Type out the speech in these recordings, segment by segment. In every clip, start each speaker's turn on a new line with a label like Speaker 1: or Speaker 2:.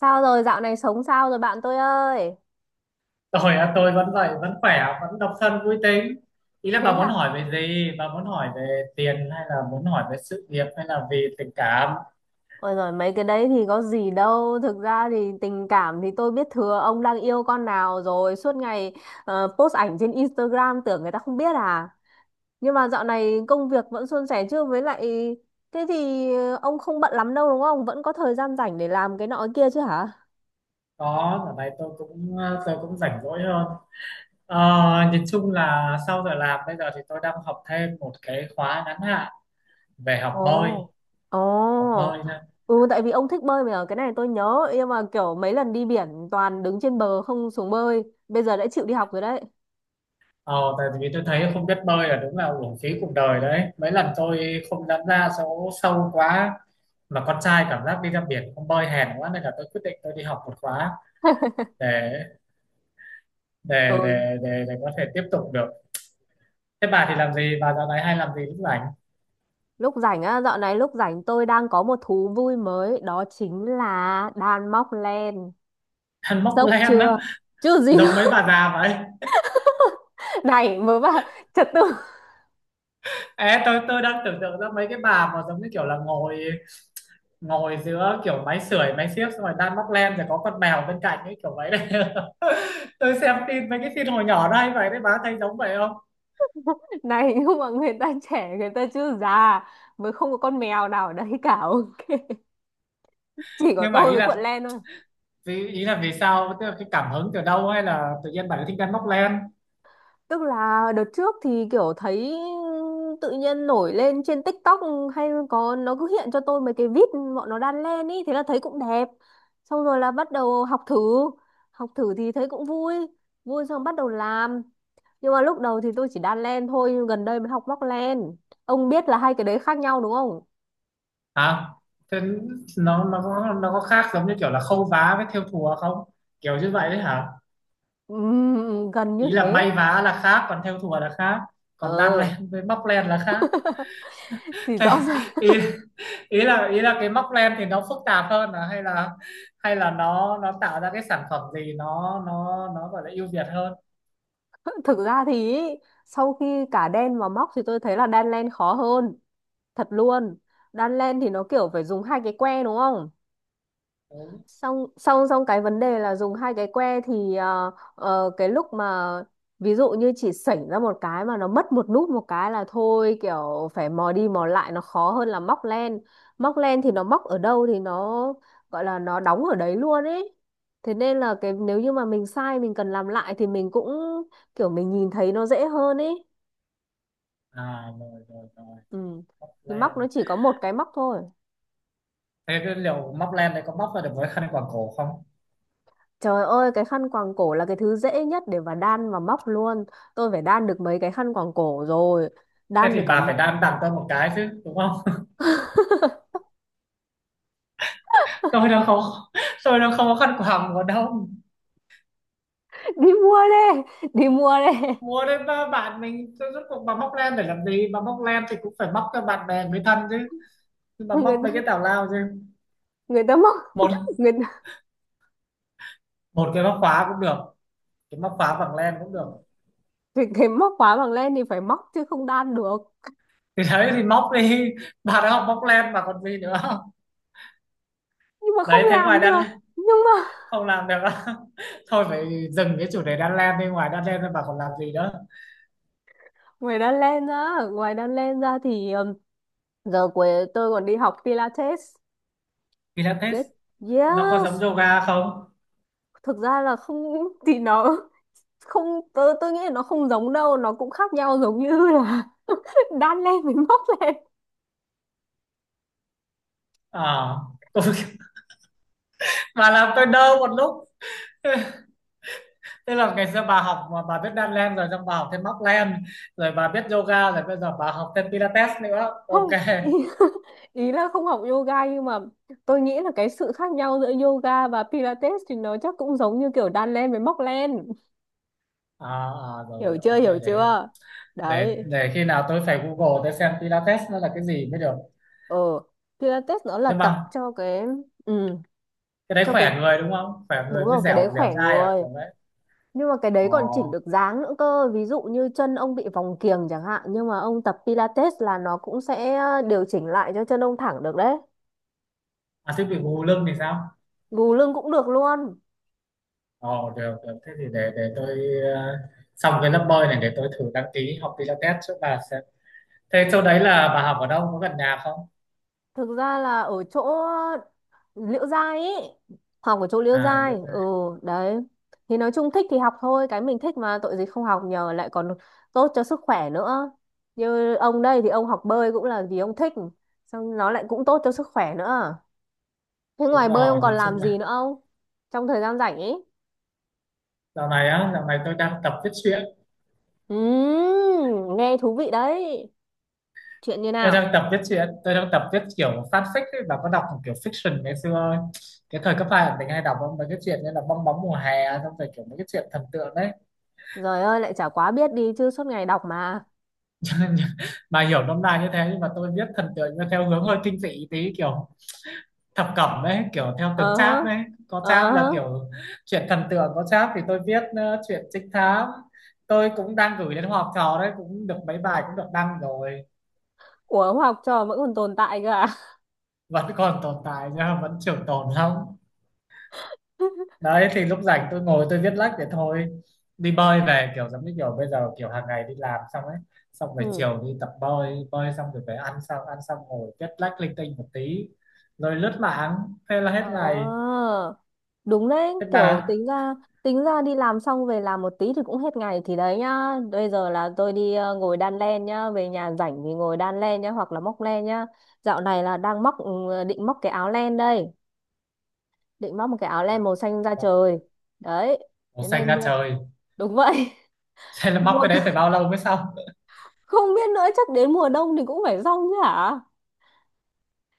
Speaker 1: Sao rồi dạo này sống sao rồi bạn tôi ơi?
Speaker 2: Rồi à, tôi vẫn vậy, vẫn khỏe, vẫn độc thân vui tính. Ý là
Speaker 1: Thế
Speaker 2: bà muốn hỏi
Speaker 1: à?
Speaker 2: về gì? Bà muốn hỏi về tiền hay là muốn hỏi về sự nghiệp hay là vì tình cảm?
Speaker 1: Ôi rồi mấy cái đấy thì có gì đâu. Thực ra thì tình cảm thì tôi biết thừa ông đang yêu con nào rồi. Suốt ngày post ảnh trên Instagram tưởng người ta không biết à. Nhưng mà dạo này công việc vẫn suôn sẻ chứ với lại thế thì ông không bận lắm đâu đúng không? Vẫn có thời gian rảnh để làm cái nọ cái kia chứ hả?
Speaker 2: Có, ở đây tôi cũng rảnh rỗi hơn. Ờ, nhìn chung là sau giờ làm bây giờ thì tôi đang học thêm một cái khóa ngắn hạn về
Speaker 1: Ồ.
Speaker 2: học
Speaker 1: Ồ.
Speaker 2: bơi nữa.
Speaker 1: Ừ, tại vì ông thích bơi mà cái này tôi nhớ, nhưng mà kiểu mấy lần đi biển toàn đứng trên bờ không xuống bơi. Bây giờ đã chịu đi học rồi đấy.
Speaker 2: Ờ, tại vì tôi thấy không biết bơi là đúng là uổng phí cuộc đời đấy. Mấy lần tôi không dám ra số sâu quá mà con trai cảm giác đi ra biển không bơi hèn quá, nên là tôi quyết định tôi đi học một khóa để để
Speaker 1: Ừ,
Speaker 2: để để để có thể tiếp tục được. Thế bà thì làm gì, bà dạo này hay làm gì lúc rảnh?
Speaker 1: lúc rảnh á, dạo này lúc rảnh tôi đang có một thú vui mới, đó chính là đan móc len.
Speaker 2: Ăn móc
Speaker 1: Sốc
Speaker 2: len á?
Speaker 1: chưa? Chứ gì
Speaker 2: Giống
Speaker 1: nữa.
Speaker 2: mấy bà già vậy.
Speaker 1: Này, mới bảo trật tự.
Speaker 2: Ê, tôi đang tưởng tượng ra mấy cái bà mà giống như kiểu là ngồi ngồi giữa kiểu máy sưởi máy xiếc, xong rồi đang móc len rồi có con mèo bên cạnh ấy, kiểu vậy đấy. Tôi xem tin mấy cái tin hồi nhỏ đây vậy đấy, bà thấy giống vậy không?
Speaker 1: Này, nhưng mà người ta trẻ, người ta chưa già. Mới không có con mèo nào ở đấy cả. Chỉ có
Speaker 2: Nhưng mà
Speaker 1: tôi
Speaker 2: ý
Speaker 1: với
Speaker 2: là,
Speaker 1: cuộn len thôi.
Speaker 2: ý là vì sao, tức là cái cảm hứng từ đâu hay là tự nhiên bà lại thích ăn móc len?
Speaker 1: Tức là đợt trước thì kiểu thấy tự nhiên nổi lên trên TikTok, hay có nó cứ hiện cho tôi mấy cái vít bọn nó đan len ý, thế là thấy cũng đẹp. Xong rồi là bắt đầu học thử thì thấy cũng vui, vui xong bắt đầu làm. Nhưng mà lúc đầu thì tôi chỉ đan len thôi, nhưng gần đây mới học móc len. Ông biết là hai cái đấy khác nhau đúng không?
Speaker 2: Hả? Thế nó có khác giống như kiểu là khâu vá với thêu thùa không, kiểu như vậy đấy hả?
Speaker 1: Gần như
Speaker 2: Ý là
Speaker 1: thế.
Speaker 2: may vá là khác, còn thêu thùa là khác, còn đan
Speaker 1: Ờ,
Speaker 2: len với móc len là khác.
Speaker 1: thì
Speaker 2: Thế
Speaker 1: rõ ràng.
Speaker 2: ý ý là cái móc len thì nó phức tạp hơn à, hay là nó tạo ra cái sản phẩm gì nó gọi là ưu việt hơn?
Speaker 1: Thực ra thì ý, sau khi cả đan và móc thì tôi thấy là đan len khó hơn thật luôn. Đan len thì nó kiểu phải dùng hai cái que đúng không,
Speaker 2: Đúng.
Speaker 1: xong xong xong cái vấn đề là dùng hai cái que thì cái lúc mà ví dụ như chỉ sảnh ra một cái mà nó mất một nút một cái là thôi, kiểu phải mò đi mò lại, nó khó hơn là móc len. Móc len thì nó móc ở đâu thì nó gọi là nó đóng ở đấy luôn ấy, thế nên là cái nếu như mà mình sai mình cần làm lại thì mình cũng kiểu mình nhìn thấy nó dễ hơn ấy.
Speaker 2: À rồi rồi rồi,
Speaker 1: Ừ,
Speaker 2: móc
Speaker 1: thì
Speaker 2: len.
Speaker 1: móc nó chỉ có một cái móc thôi.
Speaker 2: Thế cái liệu móc len đấy có móc ra được với khăn quàng cổ không?
Speaker 1: Trời ơi, cái khăn quàng cổ là cái thứ dễ nhất để mà đan và móc luôn. Tôi phải đan được mấy cái khăn quàng cổ rồi.
Speaker 2: Thế
Speaker 1: Đan
Speaker 2: thì
Speaker 1: được cả...
Speaker 2: bà phải đan tặng tôi một cái chứ, đúng không? tôi đâu không tôi đâu không có khăn quàng mùa đông.
Speaker 1: Đi mua đi, đi mua đi.
Speaker 2: Mua đến ba bạn mình, tôi rốt cuộc bà móc len để làm gì, bà móc len thì cũng phải móc cho bạn bè người thân chứ. Nhưng mà
Speaker 1: Người
Speaker 2: móc mấy
Speaker 1: ta,
Speaker 2: cái tào lao chứ.
Speaker 1: người ta móc,
Speaker 2: một
Speaker 1: người ta,
Speaker 2: một cái móc khóa cũng được, cái móc khóa bằng len cũng được.
Speaker 1: cái móc khóa bằng len thì phải móc chứ không đan được.
Speaker 2: Thì đấy thì móc đi, bà đã học móc len mà còn gì nữa.
Speaker 1: Nhưng mà không
Speaker 2: Đấy thế ngoài
Speaker 1: làm được.
Speaker 2: đan
Speaker 1: Nhưng mà
Speaker 2: không làm được á. Thôi phải dừng cái chủ đề đan len đi, ngoài đan len ra bà còn làm gì nữa?
Speaker 1: ngoài đan len ra, ngoài đan len ra thì giờ cuối tôi còn đi học Pilates.
Speaker 2: Pilates
Speaker 1: Yes,
Speaker 2: nó có giống
Speaker 1: yes.
Speaker 2: yoga không?
Speaker 1: Thực ra là không thì nó không, tôi nghĩ là nó không giống đâu, nó cũng khác nhau giống như là đan lên mình móc lên.
Speaker 2: À tôi mà làm tôi đơ một lúc. Tức là ngày xưa bà học mà bà biết đan len rồi, xong bà học thêm móc len, rồi bà biết yoga rồi bây giờ bà học thêm Pilates nữa. Ok.
Speaker 1: Không ý, ý là không học yoga nhưng mà tôi nghĩ là cái sự khác nhau giữa yoga và pilates thì nó chắc cũng giống như kiểu đan lên với móc lên.
Speaker 2: À, à rồi
Speaker 1: Hiểu
Speaker 2: rồi,
Speaker 1: chưa,
Speaker 2: ok,
Speaker 1: hiểu
Speaker 2: để
Speaker 1: chưa.
Speaker 2: để
Speaker 1: Đấy.
Speaker 2: để khi nào tôi phải Google tôi xem Pilates nó là cái gì mới được.
Speaker 1: Ờ, pilates nó là
Speaker 2: Nhưng
Speaker 1: tập
Speaker 2: mà
Speaker 1: cho cái, ừ,
Speaker 2: cái đấy
Speaker 1: cho cái,
Speaker 2: khỏe người đúng không, khỏe
Speaker 1: đúng
Speaker 2: người mới
Speaker 1: rồi, cái đấy
Speaker 2: dẻo dẻo
Speaker 1: khỏe
Speaker 2: dai à,
Speaker 1: người.
Speaker 2: kiểu đấy?
Speaker 1: Nhưng mà cái đấy
Speaker 2: Ồ.
Speaker 1: còn chỉnh được dáng nữa cơ, ví dụ như chân ông bị vòng kiềng chẳng hạn, nhưng mà ông tập pilates là nó cũng sẽ điều chỉnh lại cho chân ông thẳng được đấy.
Speaker 2: À thế bị gù lưng thì sao?
Speaker 1: Gù lưng cũng được luôn.
Speaker 2: Ồ được được, thế thì để tôi, ờ, xong cái lớp bơi này để tôi thử đăng ký học Pilates trước, bà sẽ thế chỗ đấy là bà học ở đâu có gần nhà không?
Speaker 1: Thực ra là ở chỗ Liễu Giai ý, học ở chỗ Liễu
Speaker 2: À
Speaker 1: Giai.
Speaker 2: yoga.
Speaker 1: Ừ, đấy thì nói chung thích thì học thôi, cái mình thích mà tội gì không học nhờ, lại còn tốt cho sức khỏe nữa. Như ông đây thì ông học bơi cũng là vì ông thích, xong nó lại cũng tốt cho sức khỏe nữa. Thế
Speaker 2: Đúng
Speaker 1: ngoài bơi
Speaker 2: rồi,
Speaker 1: ông còn
Speaker 2: nhìn
Speaker 1: làm
Speaker 2: chung là
Speaker 1: gì nữa không, trong thời gian rảnh ấy?
Speaker 2: dạo này á, dạo này tôi đang tập viết truyện.
Speaker 1: Nghe thú vị đấy, chuyện như
Speaker 2: Tôi
Speaker 1: nào?
Speaker 2: đang tập viết truyện, tôi đang tập viết kiểu fanfic ấy, bà có đọc kiểu fiction ngày xưa ấy. Cái thời cấp hai là mình hay đọc mấy cái chuyện như là bong bóng mùa hè, xong rồi kiểu mấy cái chuyện thần tượng đấy.
Speaker 1: Rồi ơi lại chả quá biết đi chứ, suốt ngày đọc mà.
Speaker 2: Cho nên bà hiểu nôm na như thế, nhưng mà tôi viết thần tượng theo hướng hơi kinh dị tí, kiểu thập cẩm đấy, kiểu theo từng
Speaker 1: Ờ hớ,
Speaker 2: chap đấy. Có
Speaker 1: ờ
Speaker 2: chap là
Speaker 1: hớ.
Speaker 2: kiểu chuyện thần tượng, có chap thì tôi viết chuyện trinh thám. Tôi cũng đang gửi đến họp trò đấy, cũng được mấy bài cũng được đăng rồi.
Speaker 1: Ủa học trò vẫn còn tồn tại cơ à?
Speaker 2: Vẫn còn tồn tại nhá, vẫn trường tồn lắm. Đấy thì lúc rảnh tôi ngồi tôi viết lách để thôi, đi bơi về kiểu giống như kiểu bây giờ kiểu hàng ngày đi làm xong ấy, xong rồi
Speaker 1: Ừ.
Speaker 2: chiều đi tập bơi, bơi xong rồi về ăn, xong ăn xong ngồi viết lách linh tinh một tí, rồi lướt mạng, thế là hết
Speaker 1: Ờ,
Speaker 2: ngày.
Speaker 1: đúng đấy,
Speaker 2: Hết
Speaker 1: kiểu
Speaker 2: bà.
Speaker 1: tính ra, tính ra đi làm xong về làm một tí thì cũng hết ngày thì đấy nhá. Bây giờ là tôi đi ngồi đan len nhá, về nhà rảnh thì ngồi đan len nhá, hoặc là móc len nhá. Dạo này là đang móc, ừ, định móc cái áo len đây, định móc một cái áo len
Speaker 2: À,
Speaker 1: màu xanh da trời. Đấy,
Speaker 2: màu
Speaker 1: thế
Speaker 2: xanh
Speaker 1: nên
Speaker 2: ra
Speaker 1: mua,
Speaker 2: trời.
Speaker 1: đúng vậy.
Speaker 2: Thế là móc
Speaker 1: Mua
Speaker 2: cái đấy phải bao lâu mới xong?
Speaker 1: không biết nữa, chắc đến mùa đông thì cũng phải xong chứ hả?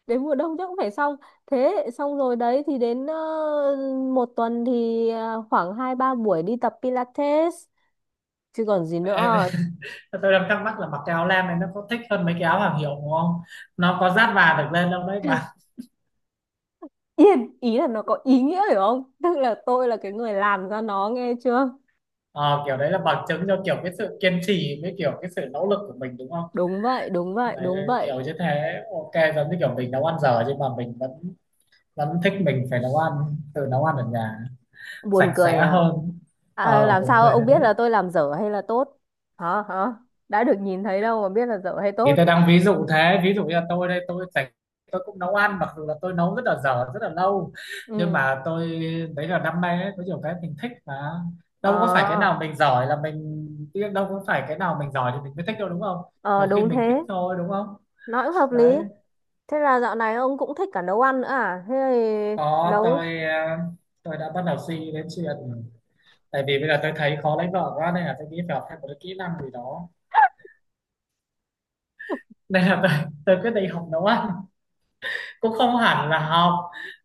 Speaker 1: Đến mùa đông chắc cũng phải xong. Thế xong rồi đấy thì đến một tuần thì khoảng hai ba buổi đi tập Pilates chứ còn gì
Speaker 2: Em
Speaker 1: nữa.
Speaker 2: tôi đang thắc mắc là mặc cái áo len này nó có thích hơn mấy cái áo hàng hiệu đúng không, nó có dát và được lên đâu đấy bà?
Speaker 1: Yên ý là nó có ý nghĩa hiểu không, tức là tôi là cái người làm ra nó nghe chưa.
Speaker 2: Ờ, kiểu đấy là bằng chứng cho kiểu cái sự kiên trì với kiểu cái sự nỗ lực của mình đúng không?
Speaker 1: Đúng vậy, đúng vậy,
Speaker 2: Đấy,
Speaker 1: đúng vậy.
Speaker 2: kiểu như thế, ok, giống như kiểu mình nấu ăn dở nhưng mà mình vẫn vẫn thích, mình phải nấu ăn, tự nấu ăn ở nhà
Speaker 1: Buồn
Speaker 2: sạch sẽ
Speaker 1: cười à,
Speaker 2: hơn.
Speaker 1: à
Speaker 2: Ờ,
Speaker 1: làm
Speaker 2: buồn
Speaker 1: sao
Speaker 2: cười
Speaker 1: ông
Speaker 2: thật đấy.
Speaker 1: biết là tôi làm dở hay là tốt? Hả, hả? Đã được nhìn thấy đâu mà biết là dở hay
Speaker 2: Thì
Speaker 1: tốt.
Speaker 2: tôi đang ví dụ thế, ví dụ như là tôi đây tôi sạch, tôi cũng nấu ăn mặc dù là tôi nấu rất là dở rất là lâu, nhưng
Speaker 1: Ừ.
Speaker 2: mà tôi đấy là đam mê ấy, có nhiều cái mình thích mà.
Speaker 1: Ờ.
Speaker 2: Đâu có phải cái nào mình giỏi là mình Đâu có phải cái nào mình giỏi thì mình mới thích đâu, đúng không?
Speaker 1: Ờ,
Speaker 2: Nhiều khi
Speaker 1: đúng
Speaker 2: mình thích
Speaker 1: thế.
Speaker 2: thôi, đúng không?
Speaker 1: Nói cũng hợp lý.
Speaker 2: Đấy.
Speaker 1: Thế là dạo này ông cũng thích cả nấu ăn nữa à? Thế thì
Speaker 2: Có,
Speaker 1: nấu...
Speaker 2: tôi tôi đã bắt đầu suy nghĩ đến chuyện, tại vì bây giờ tôi thấy khó lấy vợ quá nên là tôi nghĩ phải học thêm một cái kỹ năng gì đó. Nên là tôi quyết định học nấu ăn, cũng không hẳn là học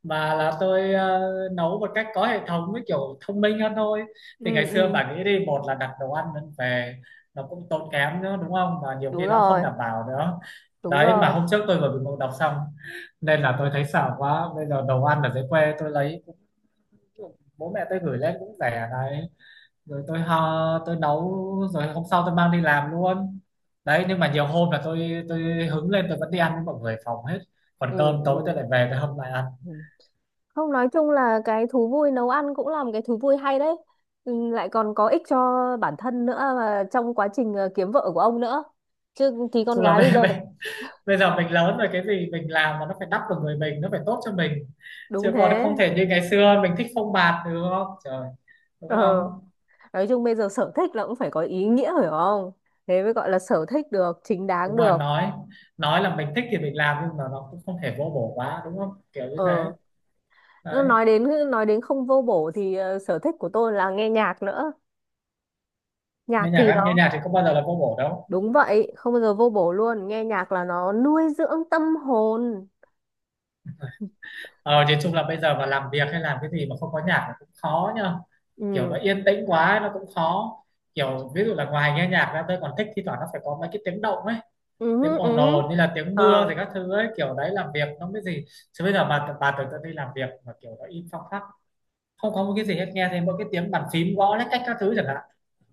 Speaker 2: mà là tôi nấu một cách có hệ thống với kiểu thông minh hơn thôi. Thì ngày
Speaker 1: Ừ,
Speaker 2: xưa
Speaker 1: ừ,
Speaker 2: bà nghĩ đi, một là đặt đồ ăn lên về, nó cũng tốn kém nữa đúng không, và nhiều
Speaker 1: đúng
Speaker 2: khi nó không
Speaker 1: rồi,
Speaker 2: đảm bảo nữa.
Speaker 1: đúng
Speaker 2: Đấy, mà
Speaker 1: rồi.
Speaker 2: hôm trước tôi vừa bị ngộ độc xong, nên là tôi thấy sợ quá. Bây giờ đồ ăn ở dưới quê tôi lấy, bố mẹ tôi gửi lên cũng rẻ đấy, rồi tôi ho tôi nấu, rồi hôm sau tôi mang đi làm luôn. Đấy nhưng mà nhiều hôm là tôi hứng lên tôi vẫn đi ăn với mọi người phòng hết, còn
Speaker 1: Ừ,
Speaker 2: cơm tối tôi
Speaker 1: ừ.
Speaker 2: lại về tôi hâm lại ăn.
Speaker 1: Ừ. Không, nói chung là cái thú vui nấu ăn cũng là một cái thú vui hay đấy. Ừ, lại còn có ích cho bản thân nữa, và trong quá trình kiếm vợ của ông nữa. Chứ thì con
Speaker 2: Chung là
Speaker 1: gái
Speaker 2: bây,
Speaker 1: bây giờ
Speaker 2: bây, bây giờ mình lớn rồi, cái gì mình làm mà nó phải đắp vào người mình nó phải tốt cho mình,
Speaker 1: đúng
Speaker 2: chứ còn
Speaker 1: thế.
Speaker 2: không thể như ngày xưa mình thích phông bạt được, không trời,
Speaker 1: Ờ,
Speaker 2: đúng không?
Speaker 1: nói chung bây giờ sở thích là cũng phải có ý nghĩa phải không? Thế mới gọi là sở thích được, chính đáng
Speaker 2: Đúng rồi.
Speaker 1: được.
Speaker 2: Nói là mình thích thì mình làm, nhưng mà nó cũng không thể vô bổ quá đúng không, kiểu như thế.
Speaker 1: Ờ. Nó
Speaker 2: Đấy.
Speaker 1: nói đến, nói đến không vô bổ thì sở thích của tôi là nghe nhạc nữa. Nhạc
Speaker 2: Nghe nhạc
Speaker 1: thì
Speaker 2: á, nghe
Speaker 1: nó
Speaker 2: nhạc thì có bao giờ là vô bổ đâu.
Speaker 1: đúng vậy, không bao giờ vô bổ luôn, nghe nhạc là nó nuôi dưỡng tâm hồn.
Speaker 2: Ờ, thì chung là bây giờ mà làm việc hay làm cái gì mà không có nhạc là cũng khó nhá. Kiểu
Speaker 1: Ừ.
Speaker 2: nó yên tĩnh quá nó cũng khó. Kiểu ví dụ là ngoài nghe nhạc ra tôi còn thích thi thoảng nó phải có mấy cái tiếng động ấy,
Speaker 1: Ừ
Speaker 2: tiếng
Speaker 1: hứ, ừ
Speaker 2: ồn
Speaker 1: hứ.
Speaker 2: ồn như là tiếng mưa
Speaker 1: Ờ.
Speaker 2: thì các thứ ấy, kiểu đấy làm việc nó mới gì. Chứ bây giờ bà tưởng tượng đi, làm việc mà kiểu nó im phăng phắc, không có một cái gì hết, nghe thấy mỗi cái tiếng bàn phím gõ lách cách các thứ chẳng hạn,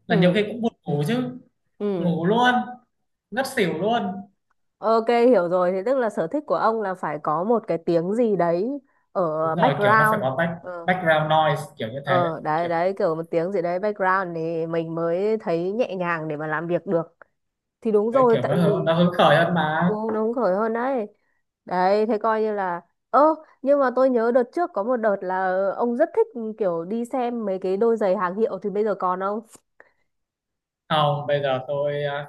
Speaker 2: là nhiều
Speaker 1: Ừ.
Speaker 2: khi cũng buồn ngủ chứ,
Speaker 1: Ừ.
Speaker 2: ngủ luôn, ngất xỉu luôn.
Speaker 1: Ok, hiểu rồi, thế tức là sở thích của ông là phải có một cái tiếng gì đấy ở
Speaker 2: Đúng rồi, kiểu nó phải
Speaker 1: background.
Speaker 2: có back,
Speaker 1: Ờ.
Speaker 2: background noise kiểu như thế.
Speaker 1: Ờ, đấy
Speaker 2: Kiểu
Speaker 1: đấy, kiểu một tiếng gì đấy background thì mình mới thấy nhẹ nhàng để mà làm việc được. Thì đúng
Speaker 2: đấy,
Speaker 1: rồi,
Speaker 2: kiểu nó
Speaker 1: tại
Speaker 2: hứng-
Speaker 1: vì
Speaker 2: nó hứng khởi hơn mà.
Speaker 1: ừ, nó hứng khởi hơn đấy. Đấy, thế coi như là... Ơ, nhưng mà tôi nhớ đợt trước có một đợt là ông rất thích, ừ, kiểu đi xem mấy cái đôi giày hàng hiệu thì bây giờ còn không?
Speaker 2: Không, bây giờ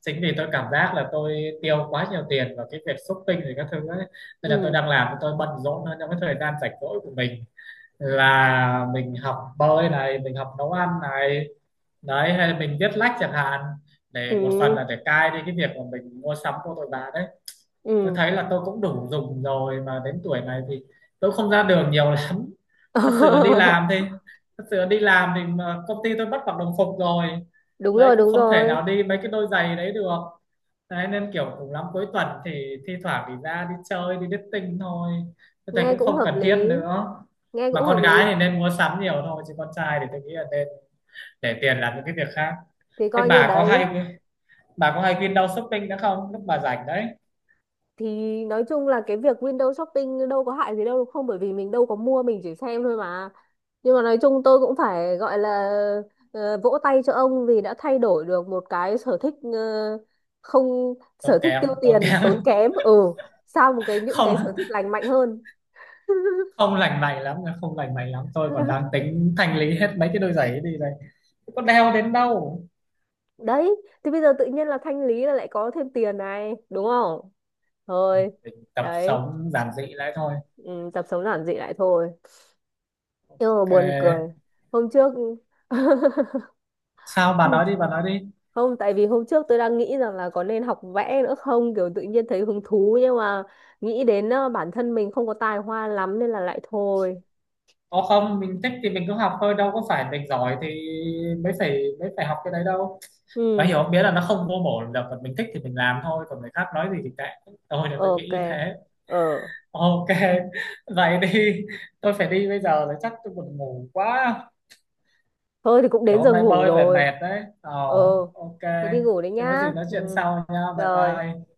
Speaker 2: chính vì tôi cảm giác là tôi tiêu quá nhiều tiền vào cái việc shopping rồi các thứ ấy. Nên là tôi
Speaker 1: Ừ,
Speaker 2: đang làm tôi bận rộn hơn trong cái thời gian rảnh rỗi của mình, là mình học bơi này, mình học nấu ăn này, đấy hay là mình viết lách chẳng hạn, để một phần
Speaker 1: ừ,
Speaker 2: là để cai đi cái việc mà mình mua sắm của tôi bà đấy. Tôi
Speaker 1: ừ.
Speaker 2: thấy là tôi cũng đủ dùng rồi, mà đến tuổi này thì tôi không ra đường nhiều lắm. thật sự là đi làm thì thật sự là đi làm thì mà công ty tôi bắt mặc đồng phục rồi,
Speaker 1: Đúng
Speaker 2: đấy
Speaker 1: rồi,
Speaker 2: cũng
Speaker 1: đúng
Speaker 2: không thể
Speaker 1: rồi.
Speaker 2: nào đi mấy cái đôi giày đấy được. Đấy nên kiểu cùng lắm cuối tuần thì thi thoảng thì ra đi chơi đi dating thôi, tôi thấy
Speaker 1: Nghe
Speaker 2: cũng
Speaker 1: cũng
Speaker 2: không
Speaker 1: hợp
Speaker 2: cần thiết
Speaker 1: lý.
Speaker 2: nữa.
Speaker 1: Nghe cũng
Speaker 2: Mà
Speaker 1: hợp
Speaker 2: con
Speaker 1: lý.
Speaker 2: gái thì nên mua sắm nhiều thôi, chứ con trai thì tôi nghĩ là nên để tiền làm những cái việc khác.
Speaker 1: Thì
Speaker 2: Thế
Speaker 1: coi như đấy.
Speaker 2: bà có hay khuyên đau shopping nữa không lúc bà rảnh đấy?
Speaker 1: Thì nói chung là cái việc window shopping đâu có hại gì đâu đúng không? Bởi vì mình đâu có mua, mình chỉ xem thôi mà. Nhưng mà nói chung tôi cũng phải gọi là vỗ tay cho ông vì đã thay đổi được một cái sở thích, không,
Speaker 2: Tốn
Speaker 1: sở thích
Speaker 2: kém,
Speaker 1: tiêu
Speaker 2: tốn
Speaker 1: tiền tốn
Speaker 2: kém.
Speaker 1: kém, ừ, sang một cái những cái sở
Speaker 2: Không,
Speaker 1: thích lành mạnh hơn.
Speaker 2: không lành mạnh lắm, không lành mạnh lắm, tôi còn đang tính thanh lý hết mấy cái đôi giày ấy đi đây, có đeo đến đâu.
Speaker 1: Đấy, thì bây giờ tự nhiên là thanh lý là lại có thêm tiền này đúng không. Thôi
Speaker 2: Mình tập
Speaker 1: đấy,
Speaker 2: sống giản dị lại thôi.
Speaker 1: ừ, tập sống giản dị lại thôi. Nhưng mà
Speaker 2: Ok.
Speaker 1: buồn cười hôm trước
Speaker 2: Sao bà
Speaker 1: không,
Speaker 2: nói đi, bà nói đi.
Speaker 1: không tại vì hôm trước tôi đang nghĩ rằng là có nên học vẽ nữa không, kiểu tự nhiên thấy hứng thú, nhưng mà nghĩ đến bản thân mình không có tài hoa lắm nên là lại thôi.
Speaker 2: Ồ không, mình thích thì mình cứ học thôi, đâu có phải mình giỏi thì mới phải học cái đấy đâu. Mà
Speaker 1: Ừ.
Speaker 2: hiểu biết là nó không vô bổ được, còn mình thích thì mình làm thôi, còn người khác nói gì thì kệ. Tôi là tôi nghĩ
Speaker 1: Ok.
Speaker 2: như thế.
Speaker 1: Ờ.
Speaker 2: Ok, vậy đi. Tôi phải đi bây giờ rồi, chắc tôi buồn ngủ quá.
Speaker 1: Thôi thì cũng
Speaker 2: Kiểu
Speaker 1: đến
Speaker 2: hôm
Speaker 1: giờ
Speaker 2: nay
Speaker 1: ngủ
Speaker 2: bơi về
Speaker 1: rồi.
Speaker 2: mệt đấy. Ồ,
Speaker 1: Ờ,
Speaker 2: ok.
Speaker 1: thế đi ngủ đấy
Speaker 2: Thì có
Speaker 1: nhá.
Speaker 2: gì nói
Speaker 1: Ừ.
Speaker 2: chuyện sau nha. Bye
Speaker 1: Rồi.
Speaker 2: bye.